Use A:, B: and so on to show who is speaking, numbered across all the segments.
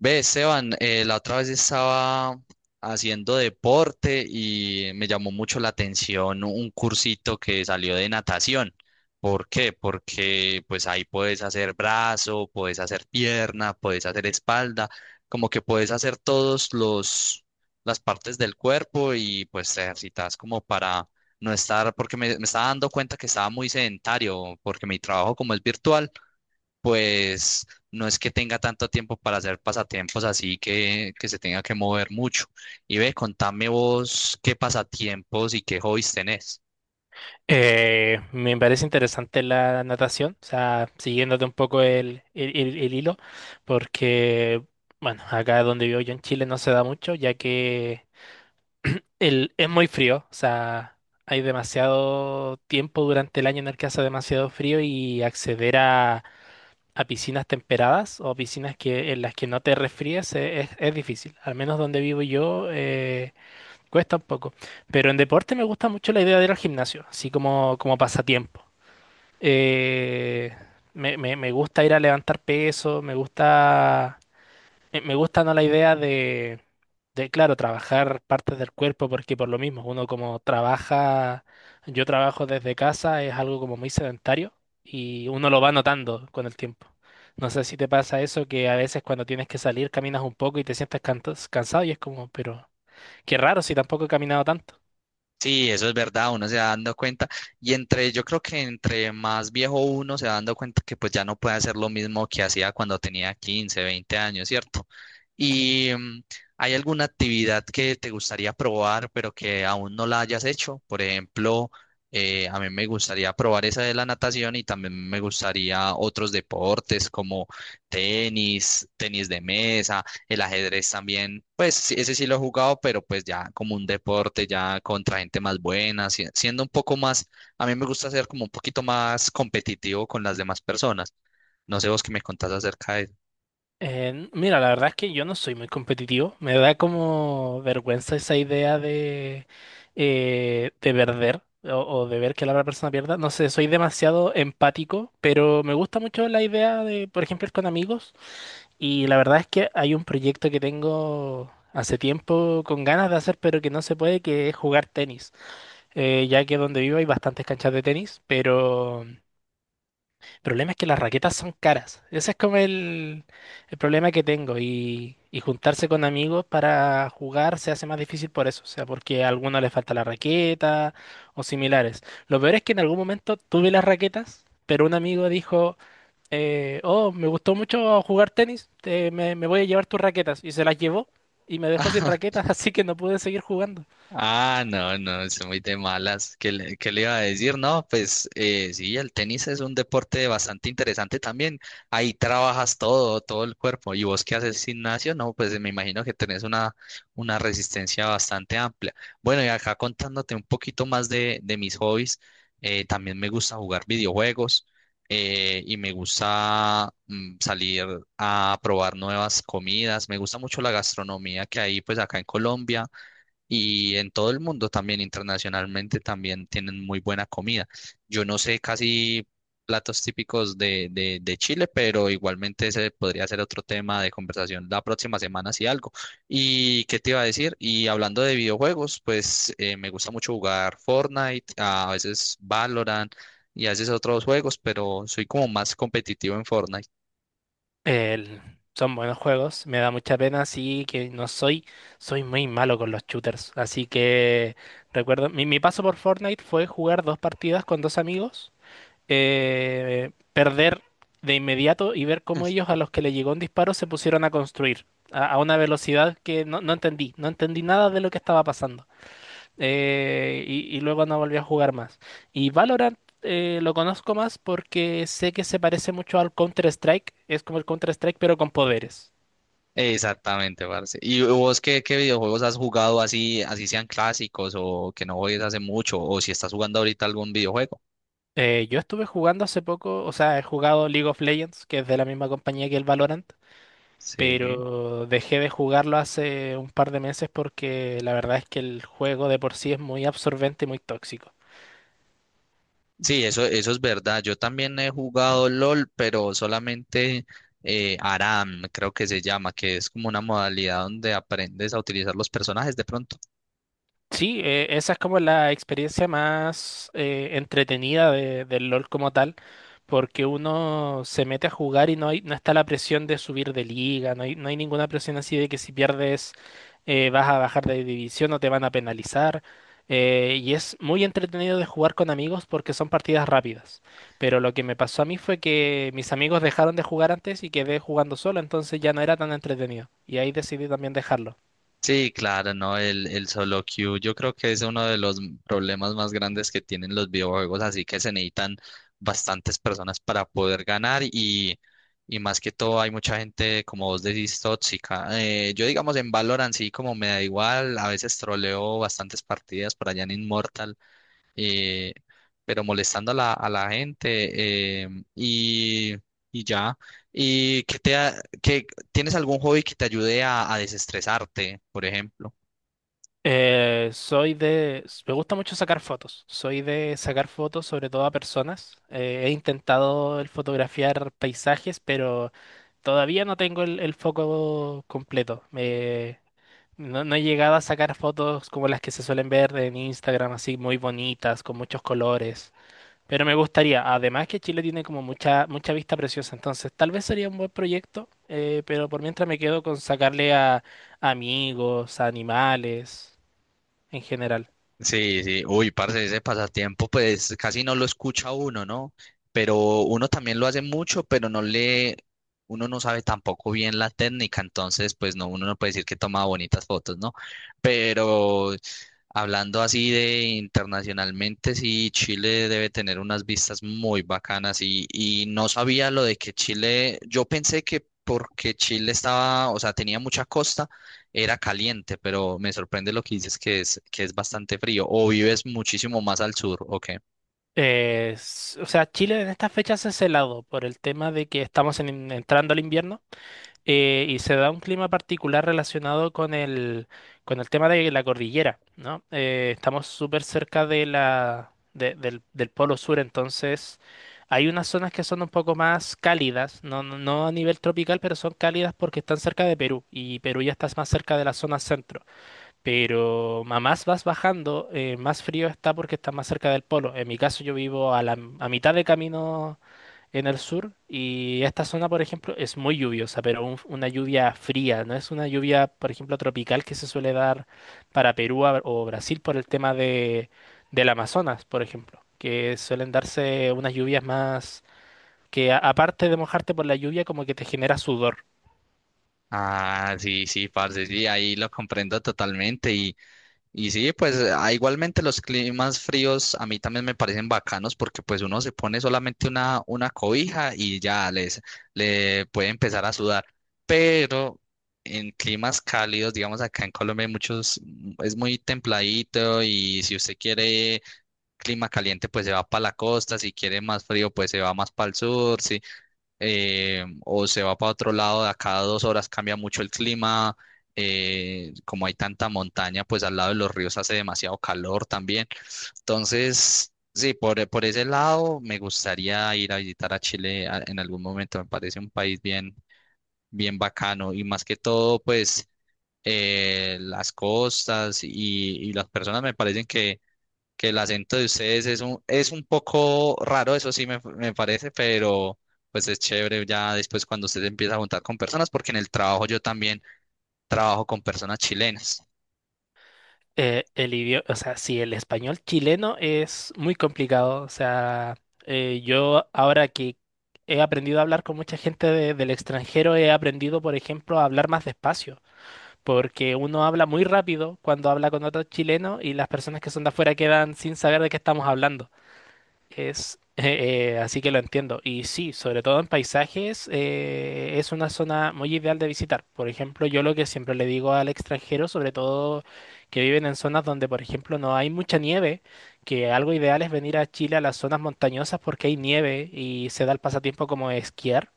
A: Ve, Esteban, la otra vez estaba haciendo deporte y me llamó mucho la atención un cursito que salió de natación. ¿Por qué? Porque pues ahí puedes hacer brazo, puedes hacer pierna, puedes hacer espalda, como que puedes hacer todos los las partes del cuerpo y pues te ejercitas como para no estar, porque me estaba dando cuenta que estaba muy sedentario, porque mi trabajo como es virtual pues no es que tenga tanto tiempo para hacer pasatiempos así que se tenga que mover mucho. Y ve, contame vos qué pasatiempos y qué hobbies tenés.
B: Me parece interesante la natación, o sea, siguiéndote un poco el hilo, porque, bueno, acá donde vivo yo en Chile no se da mucho, ya que el, es muy frío, o sea, hay demasiado tiempo durante el año en el que hace demasiado frío y acceder a piscinas temperadas o piscinas que, en las que no te resfríes es difícil, al menos donde vivo yo, cuesta un poco, pero en deporte me gusta mucho la idea de ir al gimnasio, así como, como pasatiempo. Eh, me gusta ir a levantar peso, me gusta, me gusta no la idea de, claro, trabajar partes del cuerpo, porque por lo mismo, uno como trabaja, yo trabajo desde casa, es algo como muy sedentario y uno lo va notando con el tiempo. No sé si te pasa eso, que a veces cuando tienes que salir caminas un poco y te sientes cansado y es como, pero qué raro si tampoco he caminado tanto.
A: Sí, eso es verdad, uno se va dando cuenta y yo creo que entre más viejo uno se va dando cuenta que pues ya no puede hacer lo mismo que hacía cuando tenía 15, 20 años, ¿cierto? ¿Y hay alguna actividad que te gustaría probar pero que aún no la hayas hecho? Por ejemplo, a mí me gustaría probar esa de la natación y también me gustaría otros deportes como tenis, tenis de mesa, el ajedrez también, pues sí, ese sí lo he jugado, pero pues ya como un deporte, ya contra gente más buena, siendo un poco más, a mí me gusta ser como un poquito más competitivo con las demás personas. No sé vos qué me contás acerca de eso.
B: Mira, la verdad es que yo no soy muy competitivo. Me da como vergüenza esa idea de perder o de ver que la otra persona pierda. No sé, soy demasiado empático, pero me gusta mucho la idea de, por ejemplo, ir con amigos. Y la verdad es que hay un proyecto que tengo hace tiempo con ganas de hacer, pero que no se puede, que es jugar tenis. Ya que donde vivo hay bastantes canchas de tenis, pero el problema es que las raquetas son caras. Ese es como el problema que tengo. Y juntarse con amigos para jugar se hace más difícil por eso. O sea, porque a alguno le falta la raqueta o similares. Lo peor es que en algún momento tuve las raquetas, pero un amigo dijo, oh, me gustó mucho jugar tenis, me voy a llevar tus raquetas. Y se las llevó y me dejó sin raquetas, así que no pude seguir jugando.
A: Ah, no, no, es muy de malas. Qué le iba a decir? No, pues sí, el tenis es un deporte bastante interesante también. Ahí trabajas todo el cuerpo. ¿Y vos qué haces gimnasio? No, pues me imagino que tenés una resistencia bastante amplia. Bueno, y acá contándote un poquito más de mis hobbies, también me gusta jugar videojuegos y me gusta salir a probar nuevas comidas. Me gusta mucho la gastronomía que hay pues acá en Colombia y en todo el mundo también, internacionalmente también tienen muy buena comida. Yo no sé casi platos típicos de Chile, pero igualmente ese podría ser otro tema de conversación la próxima semana si algo. ¿Y qué te iba a decir? Y hablando de videojuegos, pues me gusta mucho jugar Fortnite, a veces Valorant y a veces otros juegos, pero soy como más competitivo en Fortnite.
B: El- son buenos juegos, me da mucha pena, sí que no soy, soy muy malo con los shooters, así que recuerdo, mi paso por Fortnite fue jugar dos partidas con dos amigos, perder de inmediato y ver cómo ellos a los que le llegó un disparo se pusieron a construir a una velocidad que no, no entendí, no entendí nada de lo que estaba pasando, y luego no volví a jugar más. Y Valorant, lo conozco más porque sé que se parece mucho al Counter-Strike. Es como el Counter-Strike, pero con poderes.
A: Exactamente, parce. ¿Y vos qué videojuegos has jugado así, así sean clásicos o que no juegues hace mucho o si estás jugando ahorita algún videojuego?
B: Yo estuve jugando hace poco, o sea, he jugado League of Legends, que es de la misma compañía que el Valorant,
A: Sí.
B: pero dejé de jugarlo hace un par de meses porque la verdad es que el juego de por sí es muy absorbente y muy tóxico.
A: Sí, eso es verdad. Yo también he jugado LOL, pero solamente ARAM, creo que se llama, que es como una modalidad donde aprendes a utilizar los personajes de pronto.
B: Sí, esa es como la experiencia más entretenida del LOL como tal, porque uno se mete a jugar y no hay, no está la presión de subir de liga, no hay, no hay ninguna presión así de que si pierdes, vas a bajar de división o te van a penalizar. Y es muy entretenido de jugar con amigos porque son partidas rápidas. Pero lo que me pasó a mí fue que mis amigos dejaron de jugar antes y quedé jugando solo, entonces ya no era tan entretenido. Y ahí decidí también dejarlo.
A: Sí, claro, ¿no? El solo queue yo creo que es uno de los problemas más grandes que tienen los videojuegos, así que se necesitan bastantes personas para poder ganar y más que todo hay mucha gente, como vos decís, tóxica. Yo digamos en Valorant sí como me da igual, a veces troleo bastantes partidas por allá en Immortal, eh, pero molestando a a la gente y ya. ¿Y que te ha- qué- tienes algún hobby que te ayude a desestresarte, por ejemplo?
B: Soy de... Me gusta mucho sacar fotos. Soy de sacar fotos sobre todo a personas. He intentado el fotografiar paisajes, pero todavía no tengo el foco completo. No, no he llegado a sacar fotos como las que se suelen ver en Instagram, así muy bonitas, con muchos colores. Pero me gustaría, además que Chile tiene como mucha, mucha vista preciosa, entonces tal vez sería un buen proyecto, pero por mientras me quedo con sacarle a amigos, a animales en general.
A: Sí, sí, uy, parce, ese pasatiempo, pues casi no lo escucha uno, ¿no? Pero uno también lo hace mucho, pero no uno no sabe tampoco bien la técnica, entonces, pues no, uno no puede decir que toma bonitas fotos, ¿no? Pero hablando así de internacionalmente, sí, Chile debe tener unas vistas muy bacanas y no sabía lo de que Chile, yo pensé que porque Chile estaba, o sea, tenía mucha costa era caliente, pero me sorprende lo que dices que que es bastante frío. ¿O vives muchísimo más al sur, o qué?
B: O sea, Chile en estas fechas es helado por el tema de que estamos entrando al invierno, y se da un clima particular relacionado con el tema de la cordillera, ¿no? Estamos súper cerca de la, del del polo sur, entonces hay unas zonas que son un poco más cálidas, no, no no a nivel tropical, pero son cálidas porque están cerca de Perú y Perú ya está más cerca de la zona centro. Pero a más vas bajando, más frío está porque está más cerca del polo. En mi caso yo vivo a la, a mitad de camino en el sur y esta zona, por ejemplo, es muy lluviosa, pero una lluvia fría, no es una lluvia, por ejemplo, tropical que se suele dar para Perú o Brasil por el tema de, del Amazonas, por ejemplo, que suelen darse unas lluvias más que aparte de mojarte por la lluvia, como que te genera sudor.
A: Ah, sí, sí, parce, sí, ahí lo comprendo totalmente. Y sí, pues ah, igualmente los climas fríos a mí también me parecen bacanos porque pues uno se pone solamente una cobija y ya le puede empezar a sudar. Pero en climas cálidos, digamos acá en Colombia, hay muchos, es muy templadito y si usted quiere clima caliente, pues se va para la costa, si quiere más frío, pues se va más para el sur, sí, o se va para otro lado, de acá a dos horas cambia mucho el clima, como hay tanta montaña, pues al lado de los ríos hace demasiado calor también. Entonces, sí, por ese lado me gustaría ir a visitar a Chile en algún momento, me parece un país bien, bien bacano y más que todo, pues... las costas y las personas me parecen que el acento de ustedes es es un poco raro, eso sí me parece, pero pues es chévere ya después cuando usted se empieza a juntar con personas, porque en el trabajo yo también trabajo con personas chilenas.
B: El idioma, o sea, sí, el español chileno es muy complicado. O sea, yo ahora que he aprendido a hablar con mucha gente del extranjero, he aprendido, por ejemplo, a hablar más despacio, porque uno habla muy rápido cuando habla con otro chileno y las personas que son de afuera quedan sin saber de qué estamos hablando. Es, así que lo entiendo. Y sí, sobre todo en paisajes, es una zona muy ideal de visitar. Por ejemplo, yo lo que siempre le digo al extranjero, sobre todo que viven en zonas donde, por ejemplo, no hay mucha nieve, que algo ideal es venir a Chile a las zonas montañosas porque hay nieve y se da el pasatiempo como esquiar.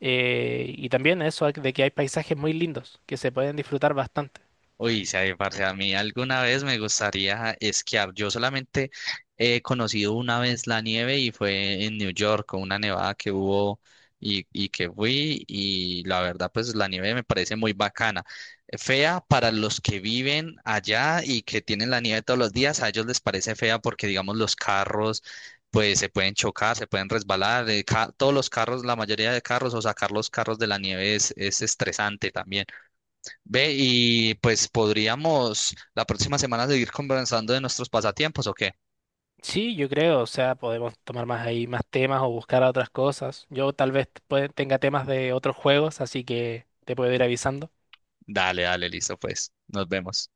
B: Y también eso de que hay paisajes muy lindos que se pueden disfrutar bastante.
A: Uy, sabe, parce, a mí alguna vez me gustaría esquiar. Yo solamente he conocido una vez la nieve y fue en New York, con una nevada que hubo y que fui. Y la verdad, pues la nieve me parece muy bacana. Fea para los que viven allá y que tienen la nieve todos los días, a ellos les parece fea porque, digamos, los carros, pues se pueden chocar, se pueden resbalar. Todos los carros, la mayoría de carros o sacar los carros de la nieve es estresante también. Ve, y pues podríamos la próxima semana seguir conversando de nuestros pasatiempos, ¿o qué?
B: Sí, yo creo, o sea, podemos tomar más ahí más temas o buscar otras cosas. Yo tal vez tenga temas de otros juegos, así que te puedo ir avisando.
A: Dale, dale, listo, pues. Nos vemos.